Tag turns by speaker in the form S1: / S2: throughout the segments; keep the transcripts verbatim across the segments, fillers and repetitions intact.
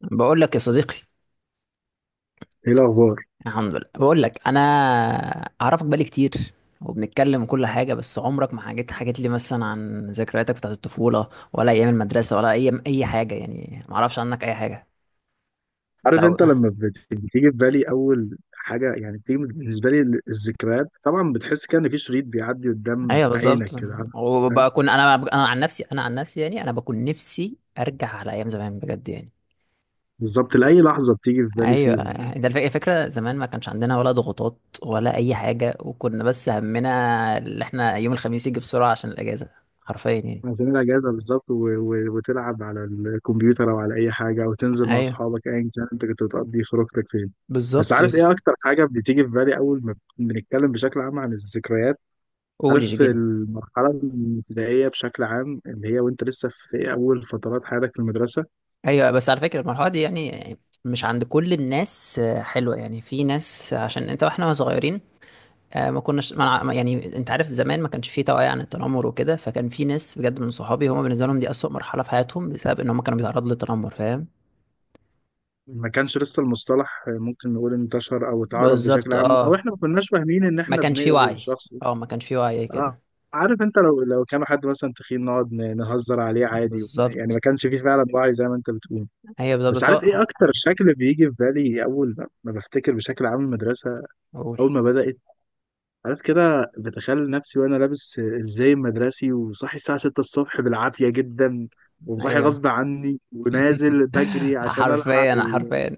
S1: بقول لك يا صديقي.
S2: ايه الاخبار.
S1: الحمد لله. بقول لك انا اعرفك بقالي كتير، وبنتكلم وكل حاجه، بس عمرك ما حكيت حكيت لي مثلا عن ذكرياتك بتاعت الطفوله، ولا ايام المدرسه، ولا ايام اي حاجه. يعني ما اعرفش عنك اي حاجه.
S2: عارف
S1: لو
S2: انت لما بت- بتيجي في بالي اول حاجه، يعني بتيجي بالنسبه لي ال- الذكريات طبعا، بتحس كده ان في شريط بيعدي قدام
S1: ايوه
S2: عينك
S1: بالظبط.
S2: كده، عارف؟ فاهم؟
S1: وبكون انا انا عن نفسي، انا عن نفسي، يعني انا بكون نفسي ارجع على ايام زمان بجد يعني.
S2: بالظبط، لاي لحظه بتيجي في بالي
S1: ايوه،
S2: فيهم يعني.
S1: ده الف- الفكره زمان ما كانش عندنا ولا ضغوطات ولا اي حاجه، وكنا بس همنا اللي احنا يوم الخميس يجي بسرعه عشان الاجازه. حرفيا يعني.
S2: عشان الاجازه بالظبط، و... و... وتلعب على الكمبيوتر او على اي حاجه، او تنزل مع
S1: ايوه
S2: اصحابك، ايا كان انت كنت بتقضي خروجتك فين. بس
S1: بالظبط.
S2: عارف
S1: بس.
S2: ايه اكتر حاجه بتيجي في بالي اول ما بنتكلم بشكل عام عن الذكريات؟
S1: قول
S2: عارف
S1: جيجيني.
S2: المرحله الابتدائيه بشكل عام، اللي هي وانت لسه في اول فترات حياتك في المدرسه.
S1: ايوه، بس على فكره المرحله دي يعني مش عند كل الناس آه، حلوه. يعني في ناس آه، عشان انت. واحنا صغيرين، آه، ما كناش ما نع- ما- يعني انت عارف زمان ما كانش في توعيه عن التنمر وكده، فكان في ناس بجد من صحابي هم بالنسبه لهم دي اسوأ مرحله في حياتهم بسبب ان هم كانوا بيتعرضوا للتنمر. فاهم؟
S2: ما كانش لسه المصطلح، ممكن نقول انتشر او اتعرف بشكل
S1: بالظبط
S2: عام، او
S1: اه.
S2: احنا ما كناش فاهمين ان
S1: ما
S2: احنا
S1: كانش في
S2: بنأذي
S1: وعي.
S2: الشخص.
S1: اه، ما كانش في وعي
S2: ع-
S1: كده.
S2: عارف انت لو لو كان حد مثلا تخين نقعد ن- نهزر عليه عادي. يعني ما
S1: بالظبط.
S2: كانش فيه فعلا وعي زي ما انت بتقول.
S1: ايوه بالظبط.
S2: بس
S1: بس
S2: عارف
S1: هو-
S2: ايه اكتر شكل بيجي في بالي اول ما ما بفتكر بشكل عام المدرسه؟
S1: قول.
S2: اول ما بدأت، عارف كده بتخيل نفسي وانا لابس ازاي المدرسي، وصاحي الساعه سته الصبح بالعافيه جدا، وصاحي
S1: ايوه.
S2: غصب عني ونازل بجري عشان الحق
S1: حرفيا
S2: ال...
S1: حرفيا.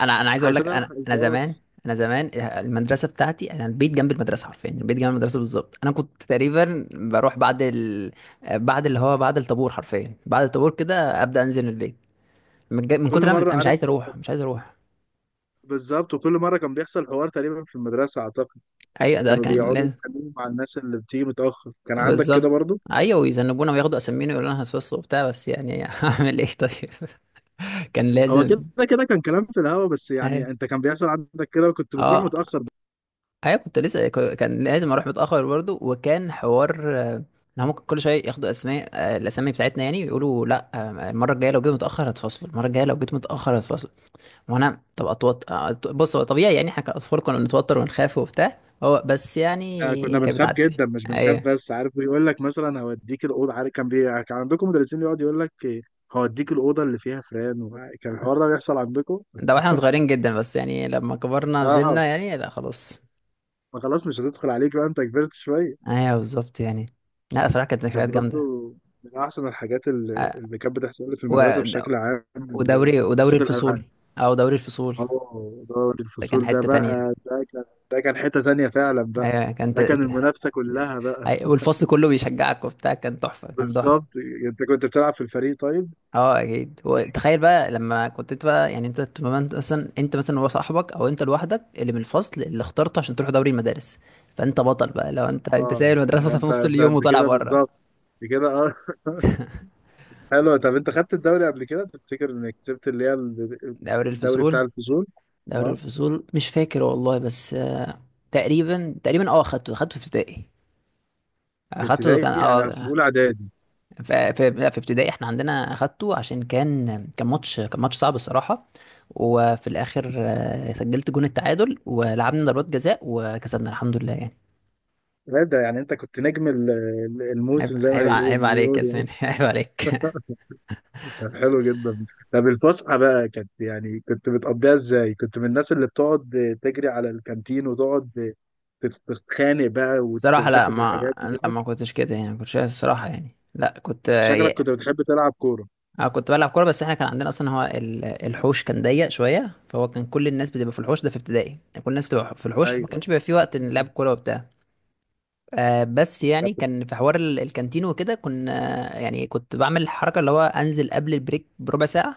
S1: انا انا عايز اقول لك،
S2: عشان
S1: انا
S2: الحق
S1: انا زمان،
S2: الباص.
S1: انا زمان المدرسه بتاعتي، انا البيت جنب المدرسه حرفيا، البيت جنب المدرسه بالظبط. انا كنت تقريبا بروح بعد ال... بعد اللي هو بعد الطابور، حرفيا بعد الطابور كده ابدا انزل البيت. من، ج... من
S2: كل
S1: كتر ما
S2: مرة،
S1: انا مش
S2: عارف،
S1: عايز اروح، مش عايز اروح.
S2: بالظبط، وكل مرة كان بيحصل حوار تقريبا في المدرسة أعتقد.
S1: ايوه ده
S2: كانوا
S1: كان
S2: بيقعدوا
S1: لازم.
S2: يتكلموا مع الناس اللي بتيجي متأخر، كان عندك كده
S1: بالظبط
S2: برضو؟
S1: ايوه، ويذنبونا وياخدوا اسامينا ويقولوا لنا هتفصل وبتاع، بس يعني اعمل ايه طيب. كان
S2: هو
S1: لازم.
S2: كده. كده كان كلام في الهوا، بس يعني
S1: أيوة.
S2: أنت كان بيحصل عندك كده وكنت بتروح
S1: اه.
S2: متأخر.
S1: ايوه كنت لسه ك- كان لازم اروح متاخر برضو. وكان حوار آه، ان هم كل شويه ياخدوا اسماء، آه، الاسامي بتاعتنا يعني، ويقولوا لا، آه، المره الجايه لو جيت متاخر هتفصل، المره الجايه لو جيت متاخر هتفصل. وانا طب اتوتر، آه، أت- بص هو طبيعي يعني، احنا كاطفال كنا بنتوتر ونخاف وبتاع. هو بس
S2: احنا
S1: يعني
S2: كنا
S1: كانت
S2: بنخاف
S1: بتعدي.
S2: جدا، مش بنخاف
S1: ايوه،
S2: بس، عارف ويقول لك مثلا هوديك الأوضة، عارف كان بي... كان عندكم مدرسين يقعد يقول لك إيه، هوديك الأوضة اللي فيها فران؟ وكان الحوار ده بيحصل عندكم؟
S1: ده واحنا صغيرين جدا، بس يعني لما كبرنا
S2: اه.
S1: زلنا يعني لا خلاص.
S2: ما خلاص مش هتدخل عليك بقى، أنت كبرت شوية.
S1: ايوه بالظبط يعني. لا صراحه كانت ذكريات
S2: كان
S1: جامده.
S2: برضو من أحسن الحاجات اللي
S1: آه،
S2: اللي كانت بتحصل لي في المدرسة
S1: و-
S2: بشكل عام، ال-
S1: ودوري ودوري
S2: حصة
S1: الفصول.
S2: الألعاب.
S1: او دوري الفصول.
S2: اه دوري
S1: ده كان
S2: الفصول، ده
S1: حته تانية.
S2: بقى ده كان، ده كان حتة تانية فعلا بقى،
S1: ايوه كانت.
S2: ده كان المنافسة كلها بقى.
S1: أي- والفصل كله بيشجعك وبتاع. كان تحفه، كان تحفه.
S2: بالظبط. أنت كنت بتلعب في الفريق طيب؟
S1: اه اكيد. وتخيل بقى لما كنت انت بقى، يعني انت تبقى انت مثلا، انت مثلا هو صاحبك او انت لوحدك اللي من الفصل اللي اخترته عشان تروح دوري المدارس. فانت بطل بقى، لو انت انت
S2: اه
S1: سايب المدرسه
S2: لا
S1: أصلاً في
S2: أنت،
S1: نص
S2: ده
S1: اليوم
S2: أنت
S1: وطالع
S2: كده
S1: بره.
S2: بالظبط، أنت كده اه. حلو. طب أنت خدت الدوري قبل كده؟ تفتكر إنك كسبت اللي هي ال-
S1: دوري
S2: الدوري
S1: الفصول.
S2: بتاع الفصول؟
S1: دوري
S2: اه
S1: الفصول مش فاكر والله، بس آه، تقريبا، تقريبا اه، اخدته اخدته في ابتدائي.
S2: في
S1: اخدته كان
S2: ابتدائي، أنا في
S1: اه.
S2: أولى إعدادي.
S1: في في لا، في ابتدائي احنا عندنا اخدته عشان كان، كان ماتش كان ماتش صعب الصراحه. وفي الاخر آه، سجلت جون التعادل ولعبنا ضربات جزاء وكسبنا الحمد لله يعني.
S2: لا ده يعني انت كنت نجم ال- ال-
S1: عيب
S2: الموسم زي ما
S1: عيب
S2: هيقول
S1: عيب عليك يا
S2: بيقولوا.
S1: سيدي عيب عليك.
S2: طب حلو جدا. طب الفسحه بقى كانت يعني كنت بتقضيها ازاي؟ كنت من الناس اللي بتقعد تجري على الكانتين وتقعد تت- تتخانق بقى وت-
S1: صراحه لا
S2: وتاخد
S1: ما.
S2: الحاجات
S1: لا،
S2: وكده؟
S1: ما كنتش كده يعني، ما كنتش الصراحه، يعني لا كنت.
S2: شكلك كنت بتحب تلعب كوره.
S1: اه كنت بلعب كوره، بس احنا كان عندنا اصلا هو ال- الحوش كان ضيق شويه، فهو كان كل الناس بتبقى في الحوش ده في ابتدائي، يعني كل الناس بتبقى في الحوش، فما
S2: ايوه.
S1: كانش بيبقى في وقت نلعب كوره وبتاع. آه بس
S2: طب
S1: يعني كان في حوار ال- الكانتين وكده كنا. يعني كنت بعمل الحركة اللي هو انزل قبل البريك بربع ساعة.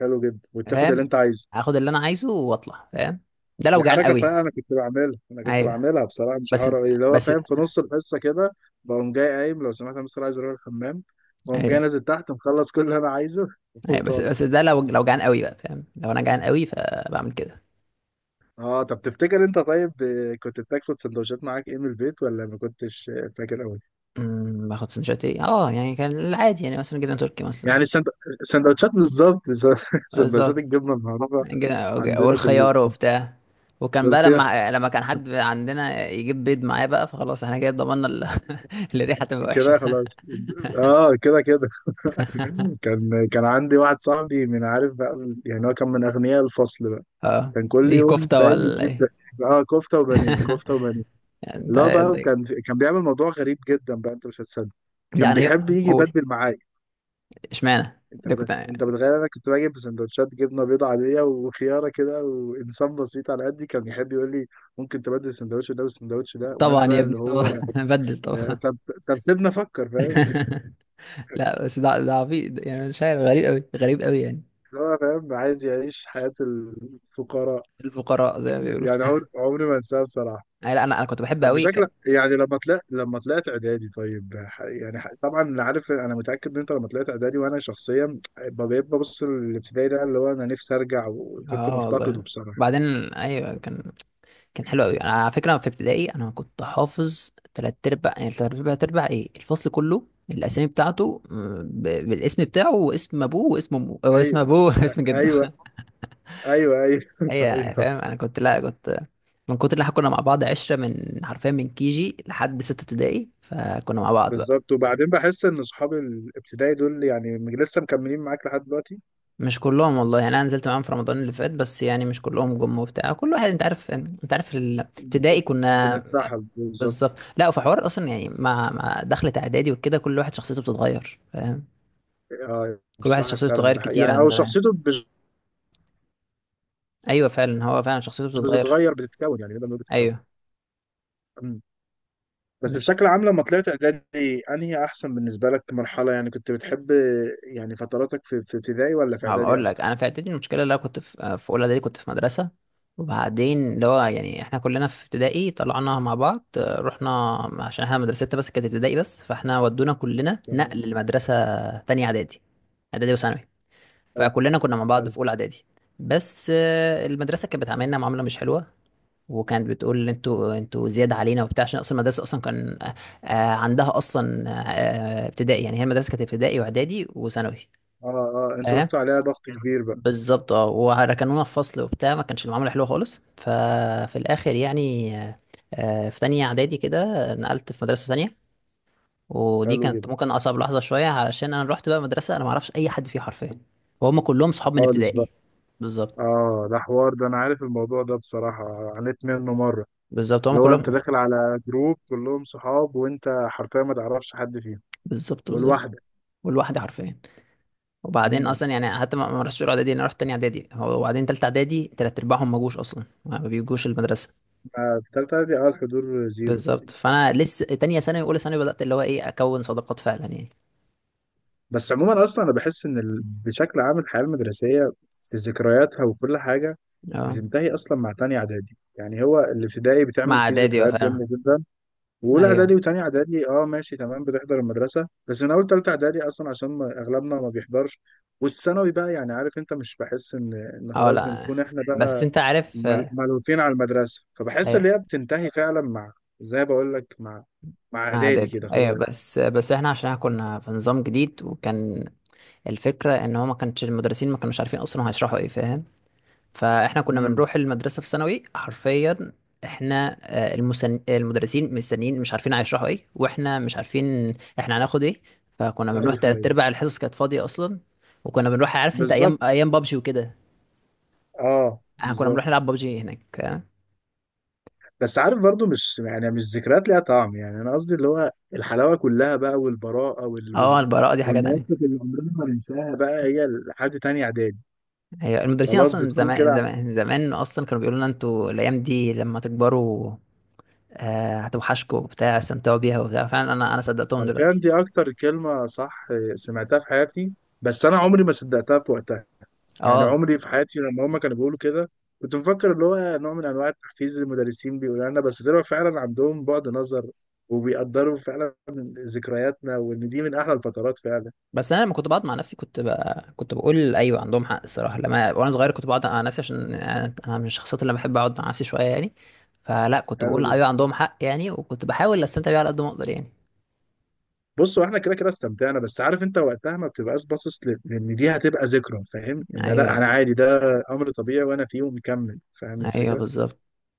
S2: حلو جدا، وتاخد
S1: فاهم.
S2: اللي انت عايزه.
S1: اخد اللي انا عايزه واطلع فاهم. ده لو
S2: دي
S1: جعان
S2: حركة
S1: قوي.
S2: صحيحة، أنا كنت بعملها، أنا كنت
S1: ايوه.
S2: بعملها بصراحة، مش
S1: بس.
S2: هحاول أقول إيه، اللي هو
S1: بس.
S2: فاهم، في نص الحصة كده بقوم جاي، قايم لو سمحت أنا بس عايز أروح الحمام، بقوم جاي
S1: ايوه.
S2: نازل تحت مخلص كل اللي أنا عايزه،
S1: ايوه. بس.
S2: وطالع.
S1: بس ده لو، لو جعان قوي بقى فاهم، لو انا جعان قوي فبعمل كده.
S2: أه طب تفتكر أنت طيب، آه، كنت بتاخد سندوتشات معاك إيه من البيت، ولا ما كنتش آه، فاكر أوي؟
S1: أمم، باخد سندوتشات ايه اه، يعني كان العادي يعني مثلا جبنة تركي مثلا.
S2: يعني السند- السندوتشات بالظبط، سندوتشات
S1: بالظبط.
S2: الجبنة المعروفة
S1: جا-
S2: عندنا كلنا.
S1: والخيار وبتاع. وكان بقى
S2: بس هي
S1: لما لما كان حد عندنا يجيب بيض معاه بقى، فخلاص احنا كده ضمننا ال- الريحه تبقى وحشه.
S2: كده خلاص، أه كده كده. كان كان عندي واحد صاحبي من، عارف بقى يعني، هو كان من أغنياء الفصل،
S1: اه.
S2: كان كل
S1: دي
S2: يوم
S1: كفته
S2: فاهم
S1: ولا
S2: يجيب.
S1: ايه؟
S2: اه كفته وبانيه، كفته وبانيه.
S1: انت.
S2: لا بقى كان كان بيعمل موضوع غريب جدا بقى، انت مش هتصدق.
S1: لا
S2: كان
S1: انا يق-
S2: بيحب يجي
S1: قول.
S2: يبدل معايا.
S1: اشمعنى
S2: انت
S1: ده
S2: بت...
S1: كنت.
S2: انت بتخيل انا كنت باجي بسندوتشات جبنه بيضه عاديه وخياره كده، وانسان بسيط على قدي، كان يحب يقول لي ممكن تبدل السندوتش ده والسندوتش ده، وانا
S1: طبعا يا
S2: بقى
S1: ابني
S2: اللي
S1: طبعا
S2: هو.
S1: بدل
S2: ده-
S1: طبعا.
S2: طب، طب سيبنا افكر فاهم.
S1: لا بس ده ده عبيط يعني مش عارف، غريب قوي، غريب قوي يعني.
S2: اللي هو فاهم عايز يعيش حياه الفقراء.
S1: الفقراء زي ما بيقولوا.
S2: يعني عمر... عمري ما انساها بصراحه.
S1: أي لا انا انا كنت بحب
S2: طب
S1: قوي
S2: بشكل
S1: كان.
S2: يعني لما طلعت، لما طلعت اعدادي طيب، ح- يعني ح- طبعا اللي عارف انا متاكد ان انت لما طلعت اعدادي، وانا شخصيا ب- بقيت ببص للابتدائي ده اللي هو انا نفسي ارجع، وكنت
S1: اه والله.
S2: مفتقده بصراحه.
S1: بعدين. ايوه كان. كان حلو قوي. انا على فكره في ابتدائي انا كنت حافظ تلات ارباع، يعني تلات ارباع تربع ايه، الفصل كله الاسامي بتاعته م، ب- بالاسم بتاعه، واسم ابوه، واسم امه، واسم
S2: ايوه،
S1: ابوه واسم
S2: ايوه،
S1: جده.
S2: ايوه، ايوه،
S1: هي
S2: ايوه
S1: فاهم انا كنت لا كنت. من كتر اللي احنا كنا مع بعض عشره، من حرفيا من كي جي لحد سته ابتدائي، فكنا مع بعض بقى.
S2: بالظبط. وبعدين بحس ان صحاب الابتدائي دول يعني، م- لسه مكملين معاك لحد دلوقتي.
S1: مش كلهم والله، يعني انا نزلت معاهم في رمضان اللي فات، بس يعني مش كلهم جم وبتاع. كل واحد انت عارف، انت عارف ال- ابتدائي كنا.
S2: بنتسحب بالظبط.
S1: بالظبط. لا في حوار اصلا، يعني مع مع دخلة اعدادي وكده كل واحد شخصيته بتتغير فاهم.
S2: اه
S1: كل واحد
S2: بصراحه
S1: شخصيته بتتغير
S2: فعلا
S1: كتير
S2: يعني،
S1: عن
S2: او
S1: زمان.
S2: شخصيته مش،
S1: ايوه فعلا، هو فعلا شخصيته
S2: مش
S1: بتتغير.
S2: بتتغير، بتتكون، يعني نقدر نقول بتتكون.
S1: ايوه.
S2: إمم. بس
S1: بس.
S2: بشكل عام لما طلعت اعدادي انهي احسن بالنسبه لك مرحله، يعني كنت بتحب، يعني فتراتك في في ابتدائي ولا في
S1: هبقى
S2: اعدادي
S1: اقول لك،
S2: اكتر؟
S1: انا في اعدادي المشكله، اللي انا كنت في في اولى اعدادي كنت في مدرسه. وبعدين اللي هو يعني احنا كلنا في ابتدائي طلعنا مع بعض، آه، رحنا عشان احنا مدرستنا بس كانت ابتدائي بس، فاحنا ودونا كلنا
S2: يعني.
S1: نقل لمدرسه تانية اعدادي. اعدادي وثانوي.
S2: حلو،
S1: فكلنا كنا مع بعض
S2: حلو.
S1: في اولى اعدادي. بس آه، المدرسه كانت بتعاملنا معامله مش حلوه، وكانت بتقول انتوا انتوا زياده علينا وبتاع، عشان اصلا المدرسه اصلا كان آه، عندها اصلا آه، ابتدائي يعني. هي المدرسه كانت ابتدائي واعدادي وثانوي.
S2: اه، اه انتوا
S1: اه
S2: رحتوا عليها ضغط كبير بقى.
S1: بالظبط اه، وركنونا في فصل وبتاع، ما كانش المعامله حلوه خالص. ففي الاخر يعني آه، آه، في تانية اعدادي كده نقلت في مدرسه تانية. ودي
S2: حلو
S1: كانت
S2: جدا.
S1: ممكن اصعب لحظه شويه، علشان انا رحت بقى مدرسه انا ما اعرفش اي حد فيها حرفيا، وهم كلهم صحاب من
S2: خالص بقى.
S1: ابتدائي. بالظبط.
S2: اه ده حوار، ده انا عارف الموضوع ده بصراحه، عانيت منه مره.
S1: بالظبط هم
S2: اللي هو انت
S1: كلهم.
S2: داخل على جروب كلهم صحاب وانت حرفيا ما تعرفش حد فيهم،
S1: بالظبط. بالظبط.
S2: ولوحدك.
S1: والواحد حرفيا. وبعدين اصلا
S2: امم.
S1: يعني حتى ما ما رحتش اولى اعدادي، انا رحت تاني اعدادي هو- وبعدين تالتة اعدادي تلات ارباعهم ما جوش اصلا، ما بيجوش المدرسه.
S2: آه، في تالتة اعدادي اه الحضور زيرو.
S1: بالظبط. فانا لسه تانية ثانوي واولى ثانوي بدات اللي هو ايه اكون صداقات فعلا يعني.
S2: بس عموما اصلا انا بحس ان ال... بشكل عام الحياه المدرسيه في ذكرياتها وكل حاجه
S1: اه.
S2: بتنتهي اصلا مع تانية اعدادي. يعني هو الابتدائي بتعمل
S1: مع
S2: فيه
S1: اعدادي اه
S2: ذكريات
S1: فعلا.
S2: جامده جدا، واولى
S1: ايوه.
S2: اعدادي وتانية اعدادي اه ماشي تمام بتحضر المدرسه، بس من اول تالتة اعدادي اصلا عشان ما اغلبنا ما بيحضرش. والثانوي بقى يعني، عارف انت، مش بحس ان ان
S1: اه.
S2: خلاص
S1: لا
S2: بنكون احنا
S1: بس
S2: بقى
S1: انت عارف
S2: مل-
S1: آه،
S2: ملهوفين على المدرسه، فبحس ان
S1: ايوه.
S2: هي بتنتهي فعلا مع، زي ما بقول لك، مع مع
S1: مع
S2: اعدادي
S1: اعدادي
S2: كده
S1: ايوه.
S2: خلاص.
S1: بس بس احنا عشان احنا كنا في نظام جديد وكان، الفكره ان هو ما كانش المدرسين ما كانوش عارفين اصلا هيشرحوا ايه فاهم. فاحنا كنا
S2: امم.
S1: بنروح المدرسه في ثانوي حرفيا. احنا آه، المسن... المدرسين مستنيين مش عارفين هيشرحوا ايه، واحنا مش عارفين احنا هناخد ايه. فكنا بنروح
S2: ايوه،
S1: تلات
S2: ايوه
S1: ارباع الحصص كانت فاضيه اصلا. وكنا بنروح عارف انت
S2: بالظبط،
S1: ايام، ايام بابجي وكده،
S2: اه
S1: احنا كنا بنروح
S2: بالظبط.
S1: نلعب بابجي هناك.
S2: بس عارف برضو مش يعني مش ذكريات ليها طعم، يعني انا قصدي اللي هو الحلاوه كلها بقى، والبراءه وال...
S1: اه
S2: وال...
S1: البراءه دي حاجه
S2: والمواقف
S1: تانية.
S2: اللي عمرنا ما ننساها بقى، هي لحد تاني اعدادي.
S1: هي المدرسين
S2: خلاص
S1: اصلا
S2: بتكون
S1: زمان
S2: كده.
S1: زمان زمان اصلا كانوا بيقولوا لنا، انتوا الايام دي لما تكبروا آه، هتوحشكوا وبتاع استمتعوا بيها وبتاع، فعلا انا انا صدقتهم
S2: حرفيا
S1: دلوقتي.
S2: دي اكتر كلمه صح سمعتها في حياتي، بس انا عمري ما صدقتها في وقتها. يعني
S1: اه
S2: عمري في حياتي لما هما كانوا بيقولوا كده كنت مفكر اللي هو نوع من انواع التحفيز اللي المدرسين بيقولوا لنا، بس طلعوا فعلا عندهم بعد نظر، وبيقدروا فعلا ذكرياتنا، وان دي من احلى الفترات فعلا.
S1: بس انا لما كنت بقعد مع نفسي كنت بقى، كنت بقول ايوه عندهم حق الصراحه. لما وانا صغير كنت بقعد مع نفسي عشان انا أنا من الشخصيات اللي بحب اقعد مع نفسي شويه يعني. فلا كنت
S2: حلو
S1: بقول ايوه
S2: جدا.
S1: عندهم حق يعني، وكنت بحاول استمتع بيها على قد ما اقدر يعني.
S2: بص هو احنا كده كده استمتعنا، بس عارف انت وقتها ما بتبقاش باصص ل- لان دي هتبقى ذكرى، فاهم ان لا
S1: ايوه.
S2: انا عادي ده امر طبيعي وانا فيه ومكمل، فاهم
S1: ايوه
S2: الفكره.
S1: بالظبط.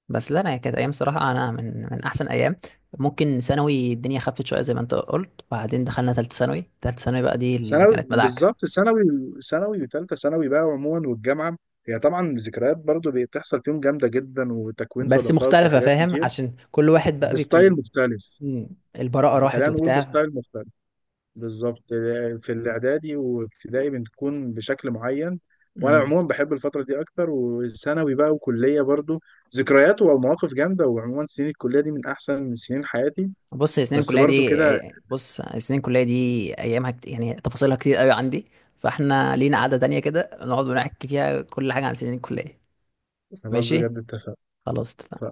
S1: بس لا انا كانت ايام صراحه، انا من من احسن ايام. ممكن ثانوي الدنيا خفت شويه زي ما انت قلت، وبعدين دخلنا ثالثه ثانوي. ثالثه ثانوي بقى دي اللي
S2: ثانوي
S1: كانت مدعكه.
S2: بالظبط، ثانوي. ثانوي وثالثه ثانوي بقى عموما، والجامعه هي طبعا ذكريات برضو بي- بتحصل فيهم جامده جدا، وتكوين
S1: بس
S2: صداقات
S1: مختلفه
S2: وحاجات
S1: فاهم
S2: كتير.
S1: عشان كل واحد بقى
S2: بستايل
S1: بيكون.
S2: مختلف.
S1: مم، البراءه
S2: يعني
S1: راحت
S2: خلينا نقول
S1: وبتاع.
S2: بستايل مختلف، بالظبط. في الاعدادي وابتدائي بتكون بشكل معين، وانا
S1: مم.
S2: عموما بحب الفتره دي اكتر. وثانوي بقى وكليه برضو ذكريات ومواقف جامده، وعموما سنين الكليه دي من احسن من سنين حياتي.
S1: بص هي سنين
S2: بس
S1: الكليه
S2: برضو كده.
S1: دي. بص سنين الكليه دي ايامها كت... يعني تفاصيلها كتير قوي عندي. فاحنا لينا قعده تانية كده نقعد ونحكي فيها كل حاجه عن سنين الكليه.
S2: خلاص
S1: ماشي.
S2: بجد اتفقنا.
S1: خلاص.
S2: اتفقنا.